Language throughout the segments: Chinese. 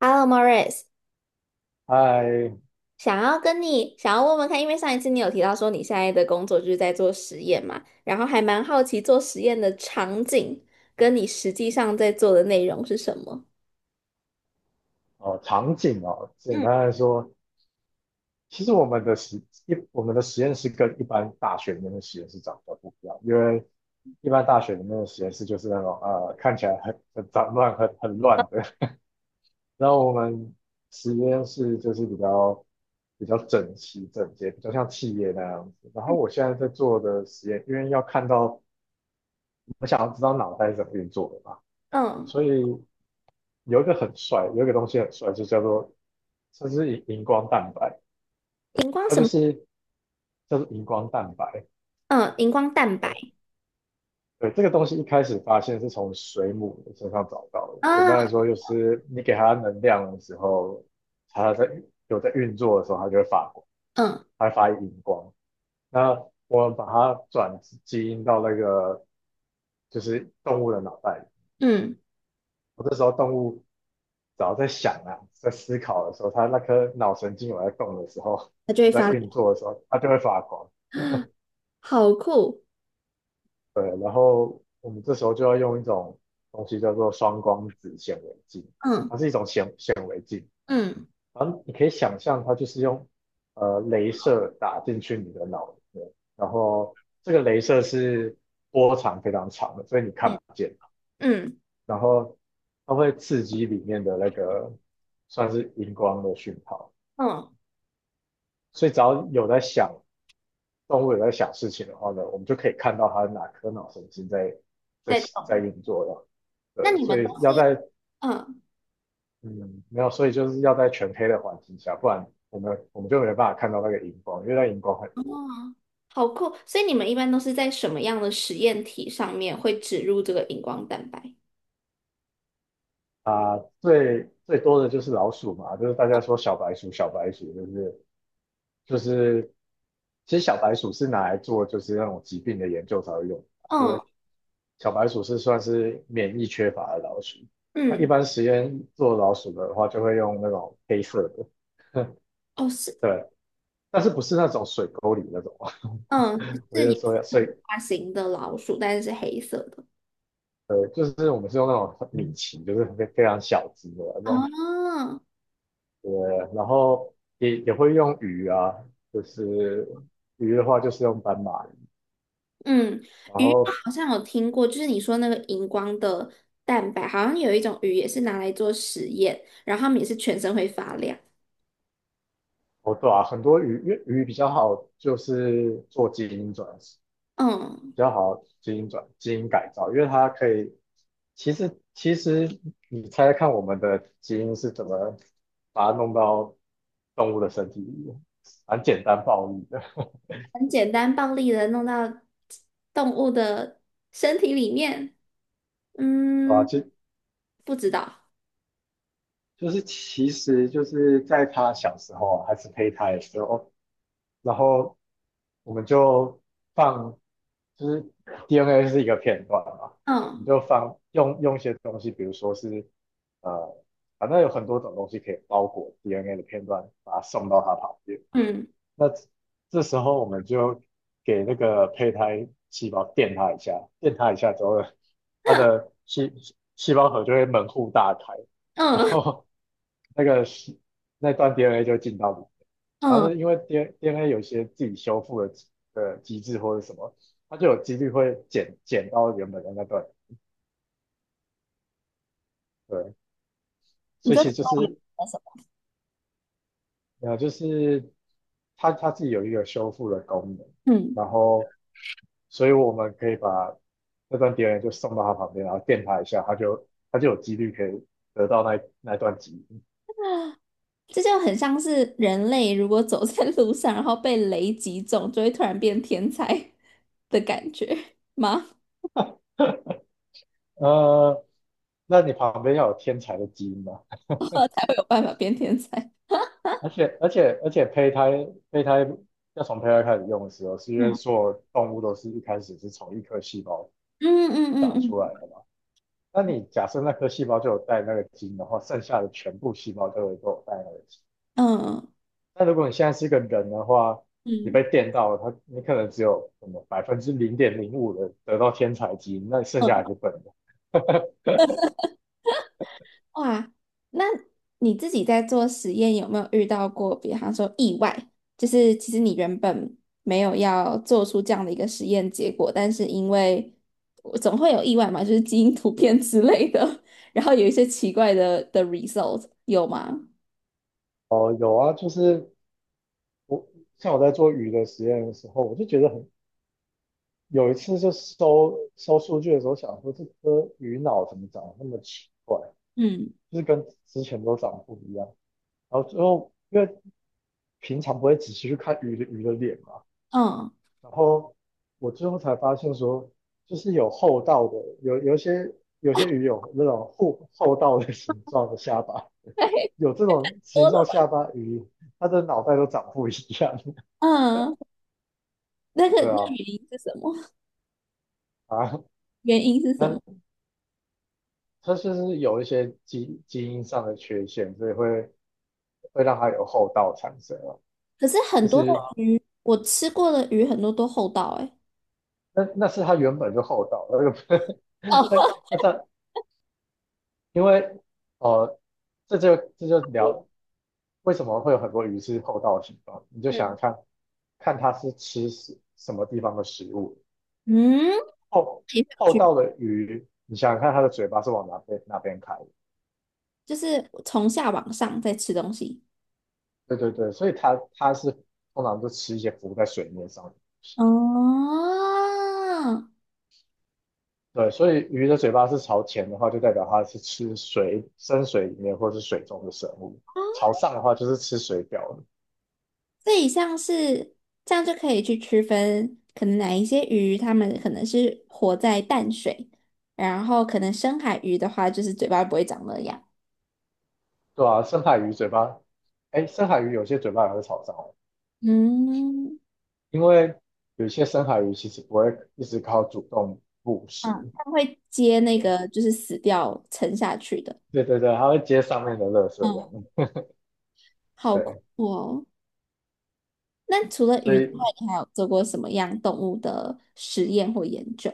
Hello, Morris，在想要跟你问问看，因为上一次你有提到说你现在的工作就是在做实验嘛，然后还蛮好奇做实验的场景跟你实际上在做的内容是什么？哦，场景哦，简单来说，其实我们的实一我们的实验室跟一般大学里面的实验室长得不一样，因为一般大学里面的实验室就是那种看起来很杂乱、很乱的，然后我们实验室就是比较整齐整洁，比较像企业那样子。然后我现在在做的实验，因为要看到我想要知道脑袋是怎么运作的嘛，嗯，所以有一个东西很帅，就叫做。这是荧光蛋白，荧光它什就么？是叫做荧光蛋白。嗯，荧光蛋白对，对，这个东西一开始发现是从水母的身上找到的。简单来啊。说，就是你给它能量的时候，它在有在运作的时候，它就会发光，嗯它会发荧光。那我们把它转基因到那个就是动物的脑袋里，嗯，我这时候动物只要在想啊，在思考的时候，它那颗脑神经有在动的时候，它就会有发在亮。运作的时候，它就会发光。好酷。对，然后我们这时候就要用一种东西叫做双光子显微镜，嗯它是一种显微镜，嗯然后你可以想象它就是用镭射打进去你的脑里面，然后这个镭射是波长非常长的，所以你看嗯不见，嗯。然后它会刺激里面的那个算是荧光的讯号，嗯，所以只要有在想动物有在想事情的话呢，我们就可以看到它的哪颗脑神经在在在在动。运作了。那对，你所们都以要在，嗯嗯，没有，所以就是要在全黑的环境下，不然我们就没办法看到那个荧光，因为那荧光很哦，多好酷，所以你们一般都是在什么样的实验体上面会植入这个荧光蛋白？啊、最多的就是老鼠嘛，就是大家说小白鼠，就是，其实小白鼠是拿来做就是那种疾病的研究才会用的，就嗯。是小白鼠是算是免疫缺乏的老鼠。那一嗯，般实验做老鼠的话，就会用那种黑色的，哦是，对，但是不是那种水沟里那种。 嗯 我是就也是说要以，很大型的老鼠，但是是黑色的。就是我们是用那种米奇，就是非常小只的那种，哦，对。然后也会用鱼啊，就是鱼的话就是用斑马鱼，嗯，然鱼后好像有听过，就是你说那个荧光的蛋白，好像有一种鱼也是拿来做实验，然后它们也是全身会发亮。哦对啊，很多鱼，因为鱼比较好，就是做基因转，比嗯，较好基因基因改造，因为它可以。其实你猜猜看，我们的基因是怎么把它弄到动物的身体里面？蛮简单暴力的，很简单暴力的弄到动物的身体里面。啊，嗯，不知道。就是其实就是在它小时候啊还是胚胎的时候，然后我们就放，就是 DNA 是一个片段嘛，你嗯就放用一些东西，比如说是呃，反正有很多种东西可以包裹 DNA 的片段，把它送到它旁边。嗯那这这时候我们就给那个胚胎细胞电它一下，电它一下之后，它的细胞核就会门户大开，然嗯后那个细那段 DNA 就进到里面。然后嗯。呢，因为 D n a 有一些自己修复的的机制或者什么，它就有几率会剪到原本的那段。对，你所以这其快实就点是什么？就是它自己有一个修复的功能，嗯。然后所以我们可以把那段碟人就送到他旁边，然后电他一下，他就有几率可以得到那段基因。这就很像是人类如果走在路上，然后被雷击中，就会突然变天才 的感觉吗？呃，那你旁边要有天才的基因嘛？才会有办法变天才。而且胚胎，要从胚胎开始用的时候，是因为嗯所有动物都是一开始是从一颗细胞嗯嗯嗯长出来嗯的嘛。那你假设那颗细胞就有带那个基因的话，剩下的全部细胞都会都有带那个基因。嗯。那如果你现在是一个人的话，你被嗯电到了，他你可能只有什么百分之零点零五的得到天才基因，那你剩嗯，下还是笨的。哇！那你自己在做实验有没有遇到过，比方说意外，就是其实你原本没有要做出这样的一个实验结果，但是因为总会有意外嘛，就是基因突变之类的，然后有一些奇怪的 result 有吗？哦，有啊，就是我像我在做鱼的实验的时候，我就觉得很，有一次就收数据的时候，想说这颗鱼脑怎么长得那么奇怪，嗯就是跟之前都长得不一样。然后最后因为平常不会仔细去看鱼的脸嘛，嗯然后我最后才发现说，就是有厚道的，有一些，有些鱼有那种厚道的形状的下巴，那多 有这种形状的吧 下巴鱼，它的脑袋都长不一样。嗯，那个 对那啊，原因是什么？啊，原因是什它么？它就是有一些基因上的缺陷，所以会让它有厚道产生啊。可是很就多的是鱼，我吃过的鱼很多都厚道哎、欸。那那是它原本就厚道，那个 哦，那它因为，呃，这就聊为什么会有很多鱼是后到的形状？你就想想看，看它是吃什么地方的食物。嗯嗯，后也有后趣，到的鱼，你想想看它的嘴巴是往哪边开的。就是从下往上在吃东西。对对对，所以它是通常就吃一些浮在水面上的。哦，对，所以鱼的嘴巴是朝前的话，就代表它是吃水深水里面或是水中的生物；朝上的话，就是吃水表的。这一项是这样就可以去区分，可能哪一些鱼它们可能是活在淡水，然后可能深海鱼的话，就是嘴巴不会长那样。对啊，深海鱼嘴巴，哎，深海鱼有些嘴巴也会朝上哦，嗯，因为有些深海鱼其实不会一直靠主动捕嗯，食，他们会接那个就是死掉沉下去的。对对对，它会接上面的垃圾这嗯，样。好酷对，哦！那除了所鱼之以外，你还有做过什么样动物的实验或研究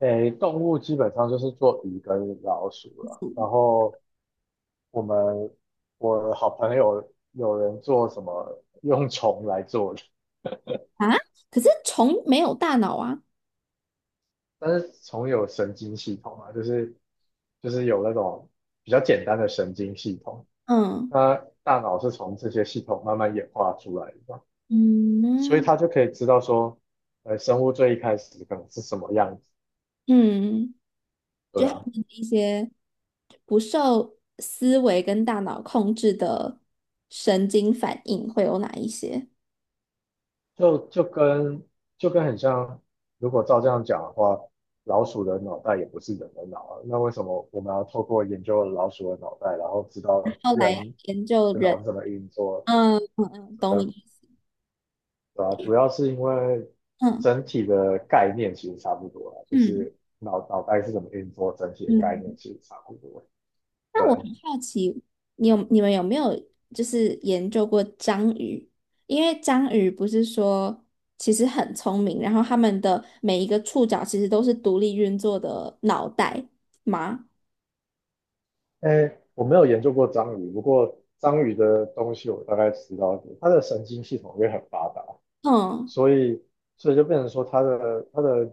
诶，动物基本上就是做鱼跟老鼠了。然后我们我好朋友有人做什么用虫来做的，啊？可是虫没有大脑啊。但是虫有神经系统啊，就是就是有那种比较简单的神经系统，嗯它大脑是从这些系统慢慢演化出来的嘛，所以嗯他就可以知道说，呃，生物最一开始可能是什么样子，嗯，对就它啊，们的一些不受思维跟大脑控制的神经反应会有哪一些？就跟，很像，如果照这样讲的话，老鼠的脑袋也不是人的脑啊，那为什么我们要透过研究老鼠的脑袋，然后知道后来人研究的人，脑是怎么运作？嗯嗯嗯，懂你呃，意思。对啊，主要是因为嗯整体的概念其实差不多啊，就嗯。是脑袋是怎么运作，整体的概念嗯其实差不多，那我对。很好奇，你们有没有就是研究过章鱼？因为章鱼不是说其实很聪明，然后它们的每一个触角其实都是独立运作的脑袋吗？哎，我没有研究过章鱼，不过章鱼的东西我大概知道一点，它的神经系统也很发达，嗯所以所以就变成说它的它的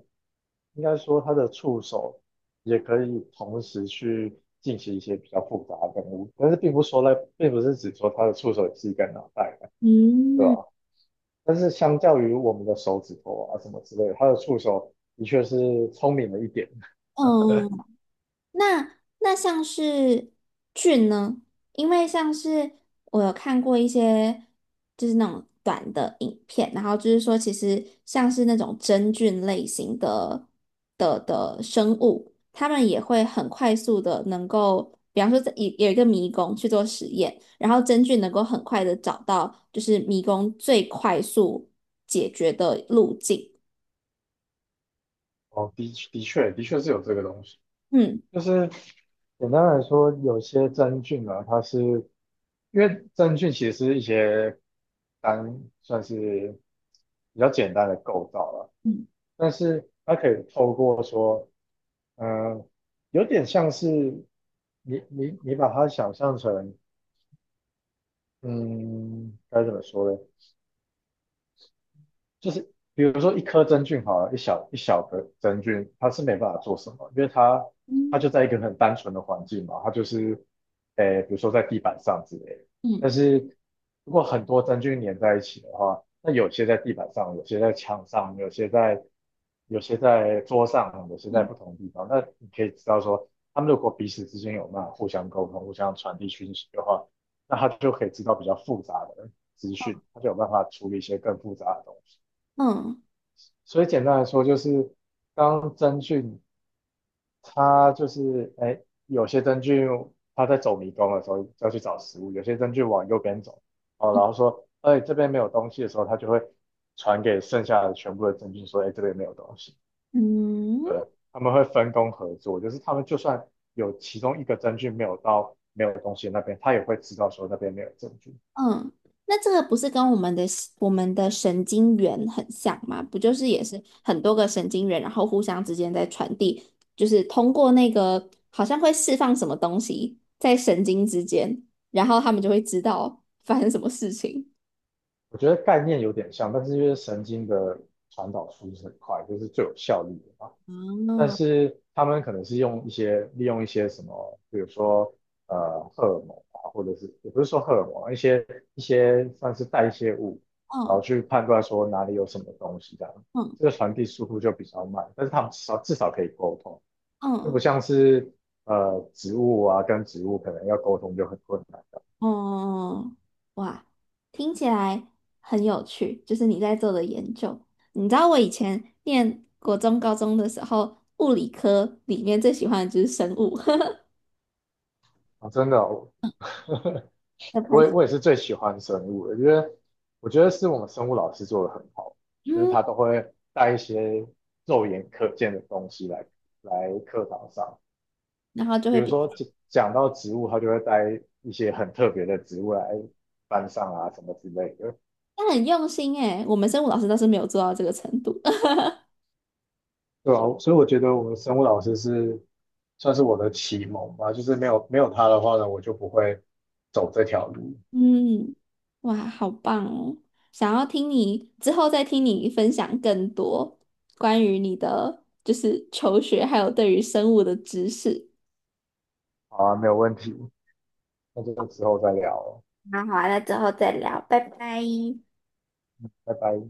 应该说它的触手也可以同时去进行一些比较复杂的任务，但是并不说呢，并不是指说它的触手也是一个脑袋，对嗯吧？但是相较于我们的手指头啊什么之类的，它的触手的确是聪明了一点。嗯，那那像是菌呢？因为像是我有看过一些就是那种短的影片，然后就是说，其实像是那种真菌类型的生物，它们也会很快速的能够，比方说在有一个迷宫去做实验，然后真菌能够很快的找到就是迷宫最快速解决的路径。哦，的确是有这个东西。嗯就是简单来说，有些真菌啊，它是因为真菌其实是一些单算是比较简单的构造了，嗯但是它可以透过说，嗯，有点像是，你把它想象成，嗯，该怎么说呢？就是比如说一颗真菌好了，一小的真菌，它是没办法做什么，因为它就嗯在一个很单纯的环境嘛，它就是，诶，比如说在地板上之类的。但嗯是如果很多真菌粘在一起的话，那有些在地板上，有些在墙上，有些在桌上，有些在嗯。不同地方。那你可以知道说，他们如果彼此之间有办法互相沟通、互相传递讯息的话，那他就可以知道比较复杂的资讯，他就有办法处理一些更复杂的东西。嗯所以简单来说，就是当真菌，它就是哎，有些真菌它在走迷宫的时候要去找食物，有些真菌往右边走，哦，然后说哎这边没有东西的时候，它就会传给剩下的全部的真菌说哎这边没有东西，嗯。对，他们会分工合作，就是他们就算有其中一个真菌没有到没有东西的那边，它也会知道说那边没有真菌。嗯，那这个不是跟我们的神经元很像吗？不就是也是很多个神经元，然后互相之间在传递，就是通过那个好像会释放什么东西在神经之间，然后他们就会知道发生什么事情。我觉得概念有点像，但是因为神经的传导速度是很快，就是最有效率的嘛。但嗯是他们可能是用一些利用一些什么，比如说荷尔蒙啊，或者是也不是说荷尔蒙啊，一些算是代谢物，然嗯后去判断说哪里有什么东西这样，嗯这个传递速度就比较慢，但是他们至少可以沟通，就不嗯。像是植物啊跟植物可能要沟通就很困难哦，嗯嗯哇，听起来很有趣，就是你在做的研究。你知道我以前念国中、高中的时候，物理科里面最喜欢的就是生物。啊，真的哦，要开心。我也是最喜欢生物的，因为我觉得是我们生物老师做的很好，就是嗯，他都会带一些肉眼可见的东西来课堂上，然后就比会如比，说讲到植物，他就会带一些很特别的植物来班上啊什么之类的，但很用心诶，我们生物老师倒是没有做到这个程度。对啊，所以我觉得我们生物老师是算是我的启蒙吧，就是没有他的话呢，我就不会走这条路。嗯，哇，好棒哦！想要听你之后再听你分享更多关于你的就是求学，还有对于生物的知识。好啊，没有问题，那就之后再聊了，那好了那之后再聊，拜拜。拜拜。